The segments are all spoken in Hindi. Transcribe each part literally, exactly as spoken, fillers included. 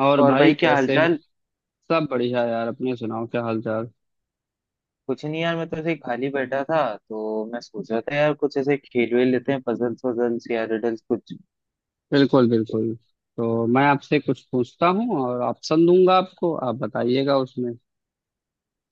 और और भाई भाई क्या कैसे हो। हालचाल। सब बढ़िया यार, अपने सुनाओ क्या हाल चाल। कुछ नहीं यार, मैं तो ऐसे ही खाली बैठा था। तो मैं सोच रहा था यार कुछ ऐसे खेल वेल लेते हैं, पजल्स वजल्स या रिडल्स कुछ। बिल्कुल बिल्कुल। तो मैं आपसे कुछ पूछता हूँ और ऑप्शन दूंगा आपको, आप बताइएगा उसमें।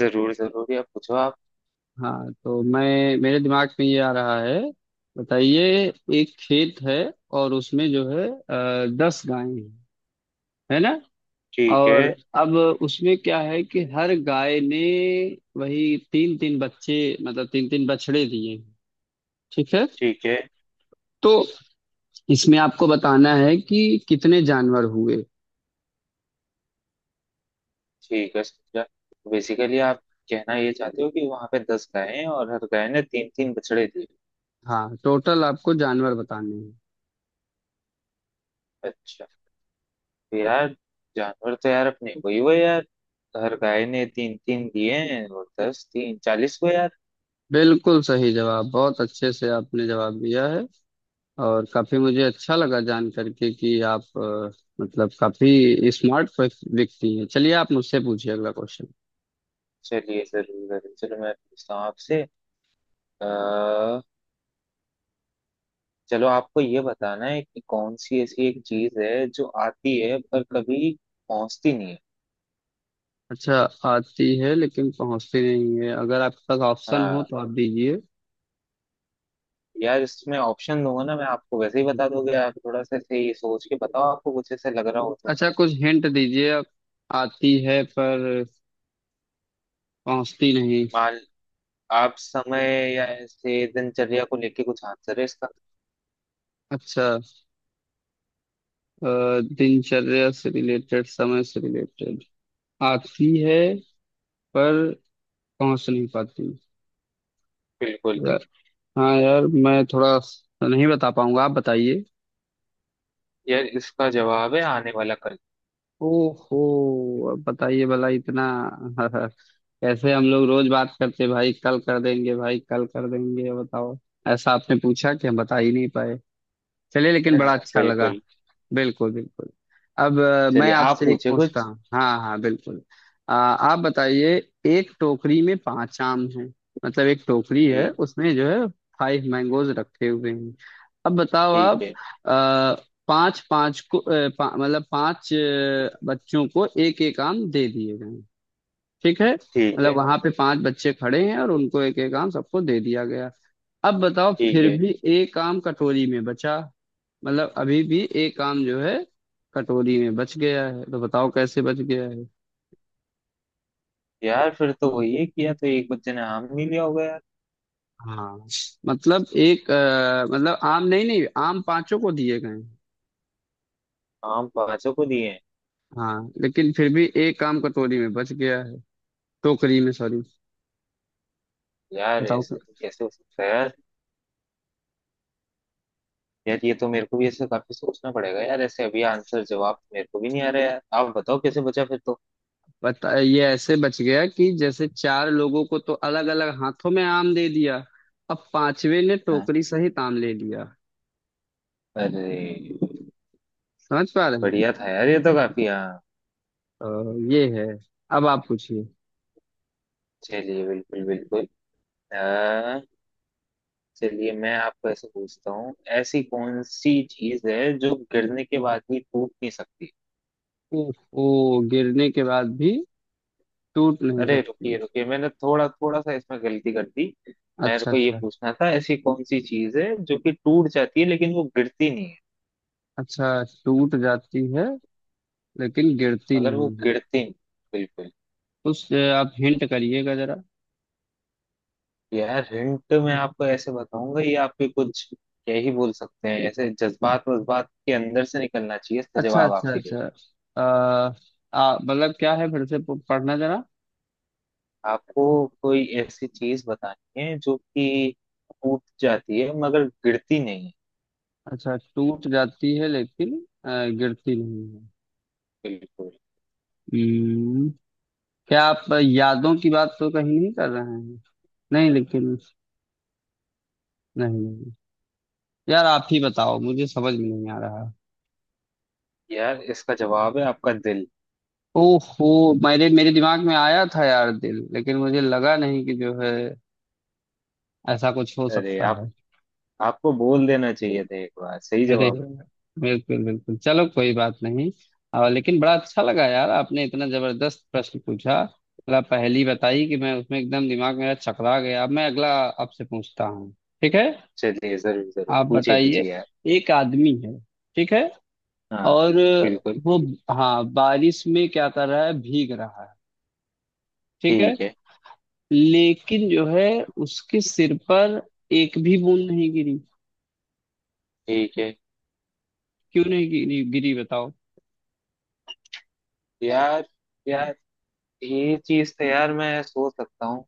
जरूर जरूर, या पूछो आप। हाँ, तो मैं मेरे दिमाग में ये आ रहा है, बताइए। एक खेत है और उसमें जो है अ, दस गायें हैं, है ना। ठीक है। और अब उसमें क्या है कि हर गाय ने वही तीन तीन बच्चे, मतलब तीन तीन बछड़े दिए हैं। ठीक है, ठीक है। तो इसमें आपको बताना है कि कितने जानवर हुए। ठीक है। समझा। बेसिकली आप कहना ये चाहते हो कि वहां पे दस गायें हैं और हर गाय ने तीन तीन बछड़े दिए। हाँ, टोटल आपको जानवर बताने हैं। अच्छा। तो यार जानवर तो यार अपने वही हुए यार। हर गाय ने तीन तीन दिए हैं और दस तीन चालीस हुए यार। बिल्कुल सही जवाब, बहुत अच्छे से आपने जवाब दिया है, और काफी मुझे अच्छा लगा जान करके कि आप अ, मतलब काफी स्मार्ट व्यक्ति हैं। चलिए, आप मुझसे पूछिए अगला क्वेश्चन। चलिए जरूर जरूर, चलो मैं पूछता हूँ आपसे। अ, चलो आपको ये बताना है कि कौन सी ऐसी एक चीज है जो आती है पर कभी पहुंचती नहीं है। अच्छा, आती है लेकिन पहुंचती नहीं है। अगर आपके पास ऑप्शन हो हाँ। तो आप दीजिए। यार इसमें ऑप्शन दूंगा ना मैं, आपको वैसे ही बता दोगे आप, थोड़ा सा ऐसे ही सोच के बताओ, आपको कुछ ऐसे लग रहा हो तो। अच्छा, कुछ हिंट दीजिए। आती है पर पहुंचती नहीं। मान आप समय या ऐसे दिनचर्या को लेके कुछ आंसर है इसका। अच्छा, अ, दिनचर्या से रिलेटेड, समय से रिलेटेड। आती है पर पहुंच नहीं पाती। बिल्कुल। यार, हाँ यार, मैं थोड़ा स- नहीं बता पाऊंगा, आप बताइए। यार इसका जवाब है आने वाला कल। ओहो, अब बताइए भला इतना कैसे हम लोग रोज बात करते, भाई कल कर देंगे, भाई कल कर देंगे, बताओ। ऐसा आपने पूछा कि हम बता ही नहीं पाए। चलिए, लेकिन बड़ा हाँ, अच्छा लगा। बिल्कुल। बिल्कुल बिल्कुल। अब अ, मैं चलिए आप आपसे एक पूछे पूछता कुछ। हूँ। हाँ हाँ बिल्कुल। अ, आप बताइए। एक टोकरी में पांच आम हैं, मतलब एक टोकरी है, ठीक है। उसमें जो है फाइव मैंगोज रखे हुए हैं। अब बताओ आप, ठीक है। अ, पांच पांच को अ, पा, मतलब पांच अ, बच्चों को एक एक आम दे दिए गए। ठीक है, ठीक मतलब है। वहां पे पांच बच्चे खड़े हैं और उनको एक एक आम सबको दे दिया गया। अब बताओ, ठीक फिर है। भी एक आम कटोरी में बचा, मतलब अभी भी एक काम जो है कटोरी में बच गया है, तो बताओ कैसे बच गया है। यार फिर तो वही है कि या तो एक बच्चे ने आम नहीं लिया होगा यार। हाँ, मतलब एक अ, मतलब आम, नहीं नहीं, आम पांचों को दिए गए हैं। आम पांचों को दिए हैं। हाँ, लेकिन फिर भी एक आम कटोरी में बच गया है, टोकरी में सॉरी। यार बताओ क्या? ऐसे तो कैसे हो सकता है यार। यार ये तो मेरे को भी ऐसे काफी सोचना पड़ेगा यार, ऐसे अभी आंसर जवाब तो मेरे को भी नहीं आ रहा यार, आप बताओ कैसे बचा फिर तो। बता, ये ऐसे बच गया कि जैसे चार लोगों को तो अलग अलग हाथों में आम दे दिया, अब पांचवे ने हाँ। टोकरी सहित आम ले लिया। अरे। समझ पा रहे हैं? बढ़िया था यार, ये तो काफी, हाँ। तो ये है। अब आप पूछिए। चलिए बिल्कुल बिल्कुल। अ, चलिए मैं आपको ऐसे पूछता हूँ, ऐसी कौन सी चीज है जो गिरने के बाद भी टूट नहीं सकती। ओहो, गिरने के बाद भी टूट नहीं अरे सकती। रुकिए रुकिए, मैंने थोड़ा थोड़ा सा इसमें गलती कर दी। मेरे अच्छा को ये अच्छा पूछना था, ऐसी कौन सी चीज है जो कि टूट जाती है लेकिन वो गिरती नहीं है। अच्छा, टूट जाती है लेकिन गिरती मगर वो नहीं है। गिरती नहीं। बिल्कुल। उस आप हिंट करिएगा जरा। यार हिंट मैं आपको ऐसे बताऊंगा, ये आपके कुछ क्या ही बोल सकते हैं, ऐसे जज्बात वज्बात के अंदर से निकलना चाहिए इसका अच्छा जवाब अच्छा आपके लिए। अच्छा, अ, आ मतलब क्या है, फिर से प- पढ़ना जरा। आपको कोई ऐसी चीज बतानी है जो कि टूट जाती है मगर गिरती नहीं है। अच्छा, टूट जाती है लेकिन अ, गिरती नहीं है। बिल्कुल। हम्म, क्या आप यादों की बात तो कहीं नहीं कर रहे हैं। नहीं लेकिन, नहीं नहीं यार, आप ही बताओ, मुझे समझ में नहीं आ रहा। यार इसका जवाब है आपका दिल। ओहो, मेरे मेरे दिमाग में आया था यार दिल, लेकिन मुझे लगा नहीं कि जो है ऐसा कुछ हो अरे, सकता आप है। आपको बोल देना चाहिए था एक बार सही अरे, जवाब। बिल्कुल बिल्कुल, चलो कोई बात नहीं। आ, लेकिन बड़ा अच्छा लगा यार, आपने इतना जबरदस्त प्रश्न पूछा, मतलब पहेली बताई कि मैं उसमें एकदम दिमाग मेरा चकरा गया। अब मैं अगला आपसे पूछता हूँ, ठीक है। चलिए जरूर जरूर, आप पूछिए बताइए। पूछिए यार। एक आदमी है, ठीक है, हाँ और बिल्कुल। वो, हाँ, बारिश में क्या कर रहा है, भीग रहा है। ठीक है, ठीक है। लेकिन जो है उसके सिर पर एक भी बूंद नहीं गिरी। ठीक है। क्यों नहीं गिरी गिरी बताओ। यार यार, ये चीज तो यार मैं सोच सकता हूँ।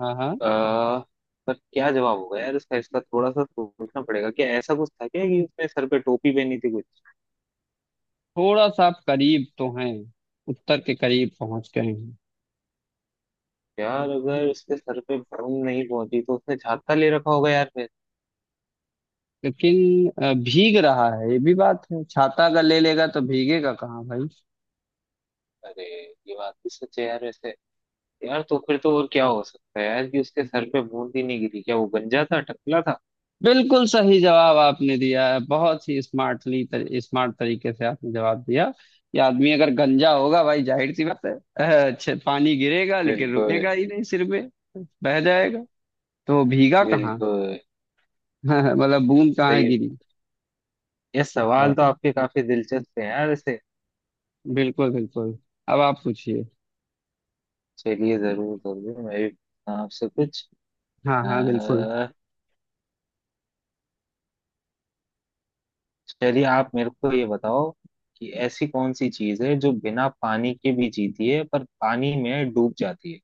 हाँ हाँ, अह, पर क्या जवाब होगा यार इसका इसका थोड़ा सा सोचना पड़ेगा, क्या ऐसा कुछ था क्या कि उसने सर पे टोपी पहनी थी कुछ। थोड़ा सा आप करीब तो हैं, उत्तर के करीब पहुंच गए हैं। यार अगर उसके सर पे भूम नहीं पहुंची तो उसने छाता ले रखा होगा यार फिर। लेकिन अ, भीग रहा है, ये भी बात है, छाता अगर ले लेगा तो भीगेगा कहाँ भाई। अरे। ये बात भी सच है यार वैसे। यार तो फिर तो और क्या हो सकता है यार कि उसके सर पे बूंद ही नहीं गिरी, क्या वो गंजा था, टकला था। बिल्कुल सही जवाब आपने दिया है, बहुत ही स्मार्टली तर, स्मार्ट तरीके से आपने जवाब दिया। ये आदमी अगर गंजा होगा भाई, जाहिर सी बात है, अ, अच्छे पानी गिरेगा लेकिन रुकेगा बिल्कुल। ही नहीं सिर पे, बह जाएगा। तो वो भीगा कहाँ बिल्कुल। मतलब बूंद कहाँ सही है। गिरी। ये अ, सवाल तो आपके काफी दिलचस्प है यार वैसे। बिल्कुल बिल्कुल। अब आप पूछिए। चलिए जरूर जरूर, मैं भी पूछता हूँ आपसे कुछ। हाँ अ, हाँ बिल्कुल। चलिए आप मेरे को ये बताओ कि ऐसी कौन सी चीज है जो बिना पानी के भी जीती है पर पानी में डूब जाती है।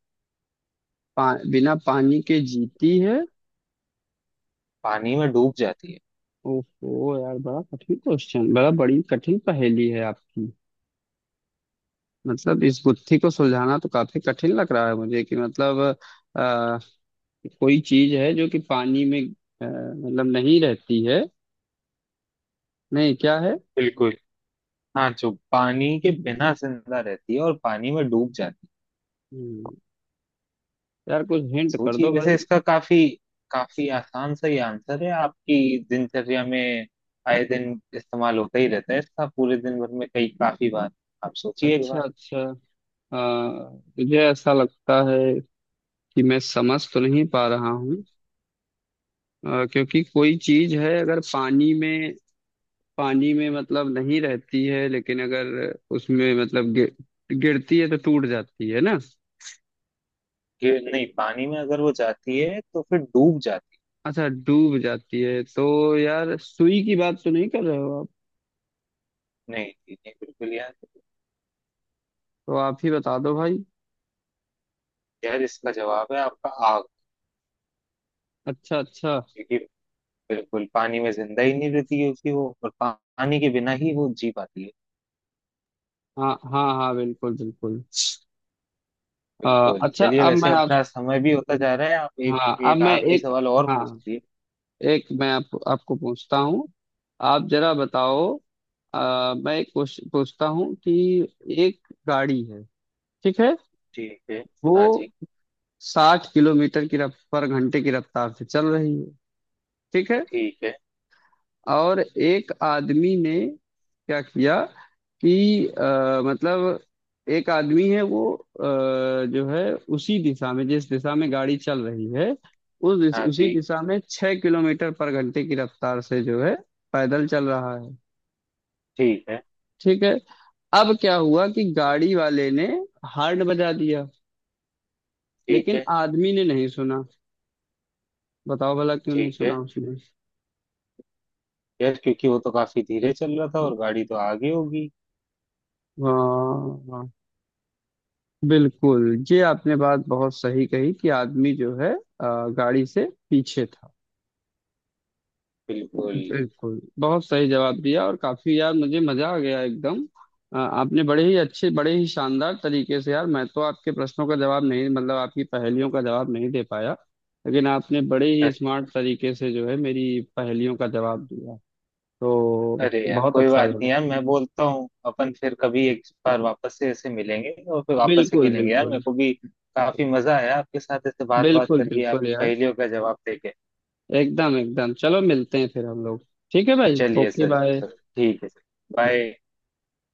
पा, बिना पानी के जीती है। पानी में डूब जाती है। ओहो यार, बड़ा कठिन क्वेश्चन, बड़ा बड़ी कठिन पहेली है आपकी। मतलब इस गुत्थी को सुलझाना तो काफी कठिन लग रहा है मुझे, कि मतलब आ, कोई चीज है जो कि पानी में अ, मतलब नहीं रहती है, नहीं क्या है। बिल्कुल। हाँ, जो पानी के बिना जिंदा रहती है और पानी में डूब जाती है। हम्म, यार कुछ हिंट कर सोचिए दो वैसे, भाई। इसका काफी काफी आसान सा ही आंसर है, आपकी दिनचर्या में आए दिन इस्तेमाल होता ही रहता है इसका, पूरे दिन भर में कई काफी बार। आप सोचिए एक अच्छा बार। अच्छा, आ, मुझे ऐसा लगता है कि मैं समझ तो नहीं पा रहा हूँ, अ, क्योंकि कोई चीज है अगर पानी में, पानी में मतलब नहीं रहती है, लेकिन अगर उसमें मतलब गिर, गिरती है तो टूट जाती है ना। कि नहीं, पानी में अगर वो जाती है तो फिर डूब जाती है। अच्छा, डूब जाती है तो यार, सुई की बात तो नहीं कर रहे हो आप। नहीं जी, नहीं बिल्कुल यार। तो आप ही बता दो भाई। यार इसका जवाब है आपका आग। अच्छा अच्छा, क्योंकि बिल्कुल पानी में जिंदा ही नहीं रहती, क्योंकि वो और पा- पानी के बिना ही वो जी पाती है। हाँ हाँ हाँ, बिल्कुल बिल्कुल। आ, बिल्कुल। अच्छा, चलिए अब वैसे, मैं आप अपना समय भी होता जा रहा है, आप एक। हाँ, अब एक मैं आखिरी एक सवाल और हाँ, पूछिए। एक मैं आप, आपको पूछता हूँ, आप जरा बताओ। आ, मैं एक पूछ, पूछता हूँ कि एक गाड़ी है, ठीक है। ठीक है। वो हाँ जी। साठ किलोमीटर की रफ पर घंटे की रफ्तार से चल रही है, ठीक है। ठीक है। और एक आदमी ने क्या किया कि अ, मतलब एक आदमी है, वो, अ, जो है, उसी दिशा में जिस दिशा में गाड़ी चल रही है, उस दिश- हाँ उसी जी। दिशा में छह किलोमीटर पर घंटे की रफ्तार से जो है पैदल चल रहा है। ठीक है। ठीक है, अब क्या हुआ कि गाड़ी वाले ने हॉर्न बजा दिया, ठीक लेकिन है। आदमी ने नहीं सुना। बताओ भला, क्यों नहीं ठीक है। सुना उसने। यार क्योंकि वो तो काफी धीरे चल रहा था और गाड़ी तो आगे होगी। वाह बिल्कुल, ये आपने बात बहुत सही कही, कि आदमी जो है अ, गाड़ी से पीछे था। बिल्कुल। बिल्कुल, बहुत सही जवाब दिया, और काफी यार मुझे मजा आ गया एकदम। अ, आपने बड़े ही अच्छे, बड़े ही शानदार तरीके से, यार मैं तो आपके प्रश्नों का जवाब नहीं, मतलब आपकी पहेलियों का जवाब नहीं दे पाया। लेकिन आपने बड़े ही स्मार्ट तरीके से जो है मेरी पहेलियों का जवाब दिया। तो अरे यार बहुत कोई अच्छा बात लगा। नहीं यार, मैं बोलता हूँ अपन फिर कभी एक बार वापस से ऐसे मिलेंगे और फिर वापस से बिल्कुल खेलेंगे यार, बिल्कुल, मेरे को भी काफी मजा आया आपके साथ ऐसे बात बात बिल्कुल करके, आप बिल्कुल यार, पहेलियों का जवाब देके। एकदम एकदम। चलो मिलते हैं फिर हम लोग। ठीक है भाई, चलिए ओके सर, बाय। सर, ठीक है सर। बाय।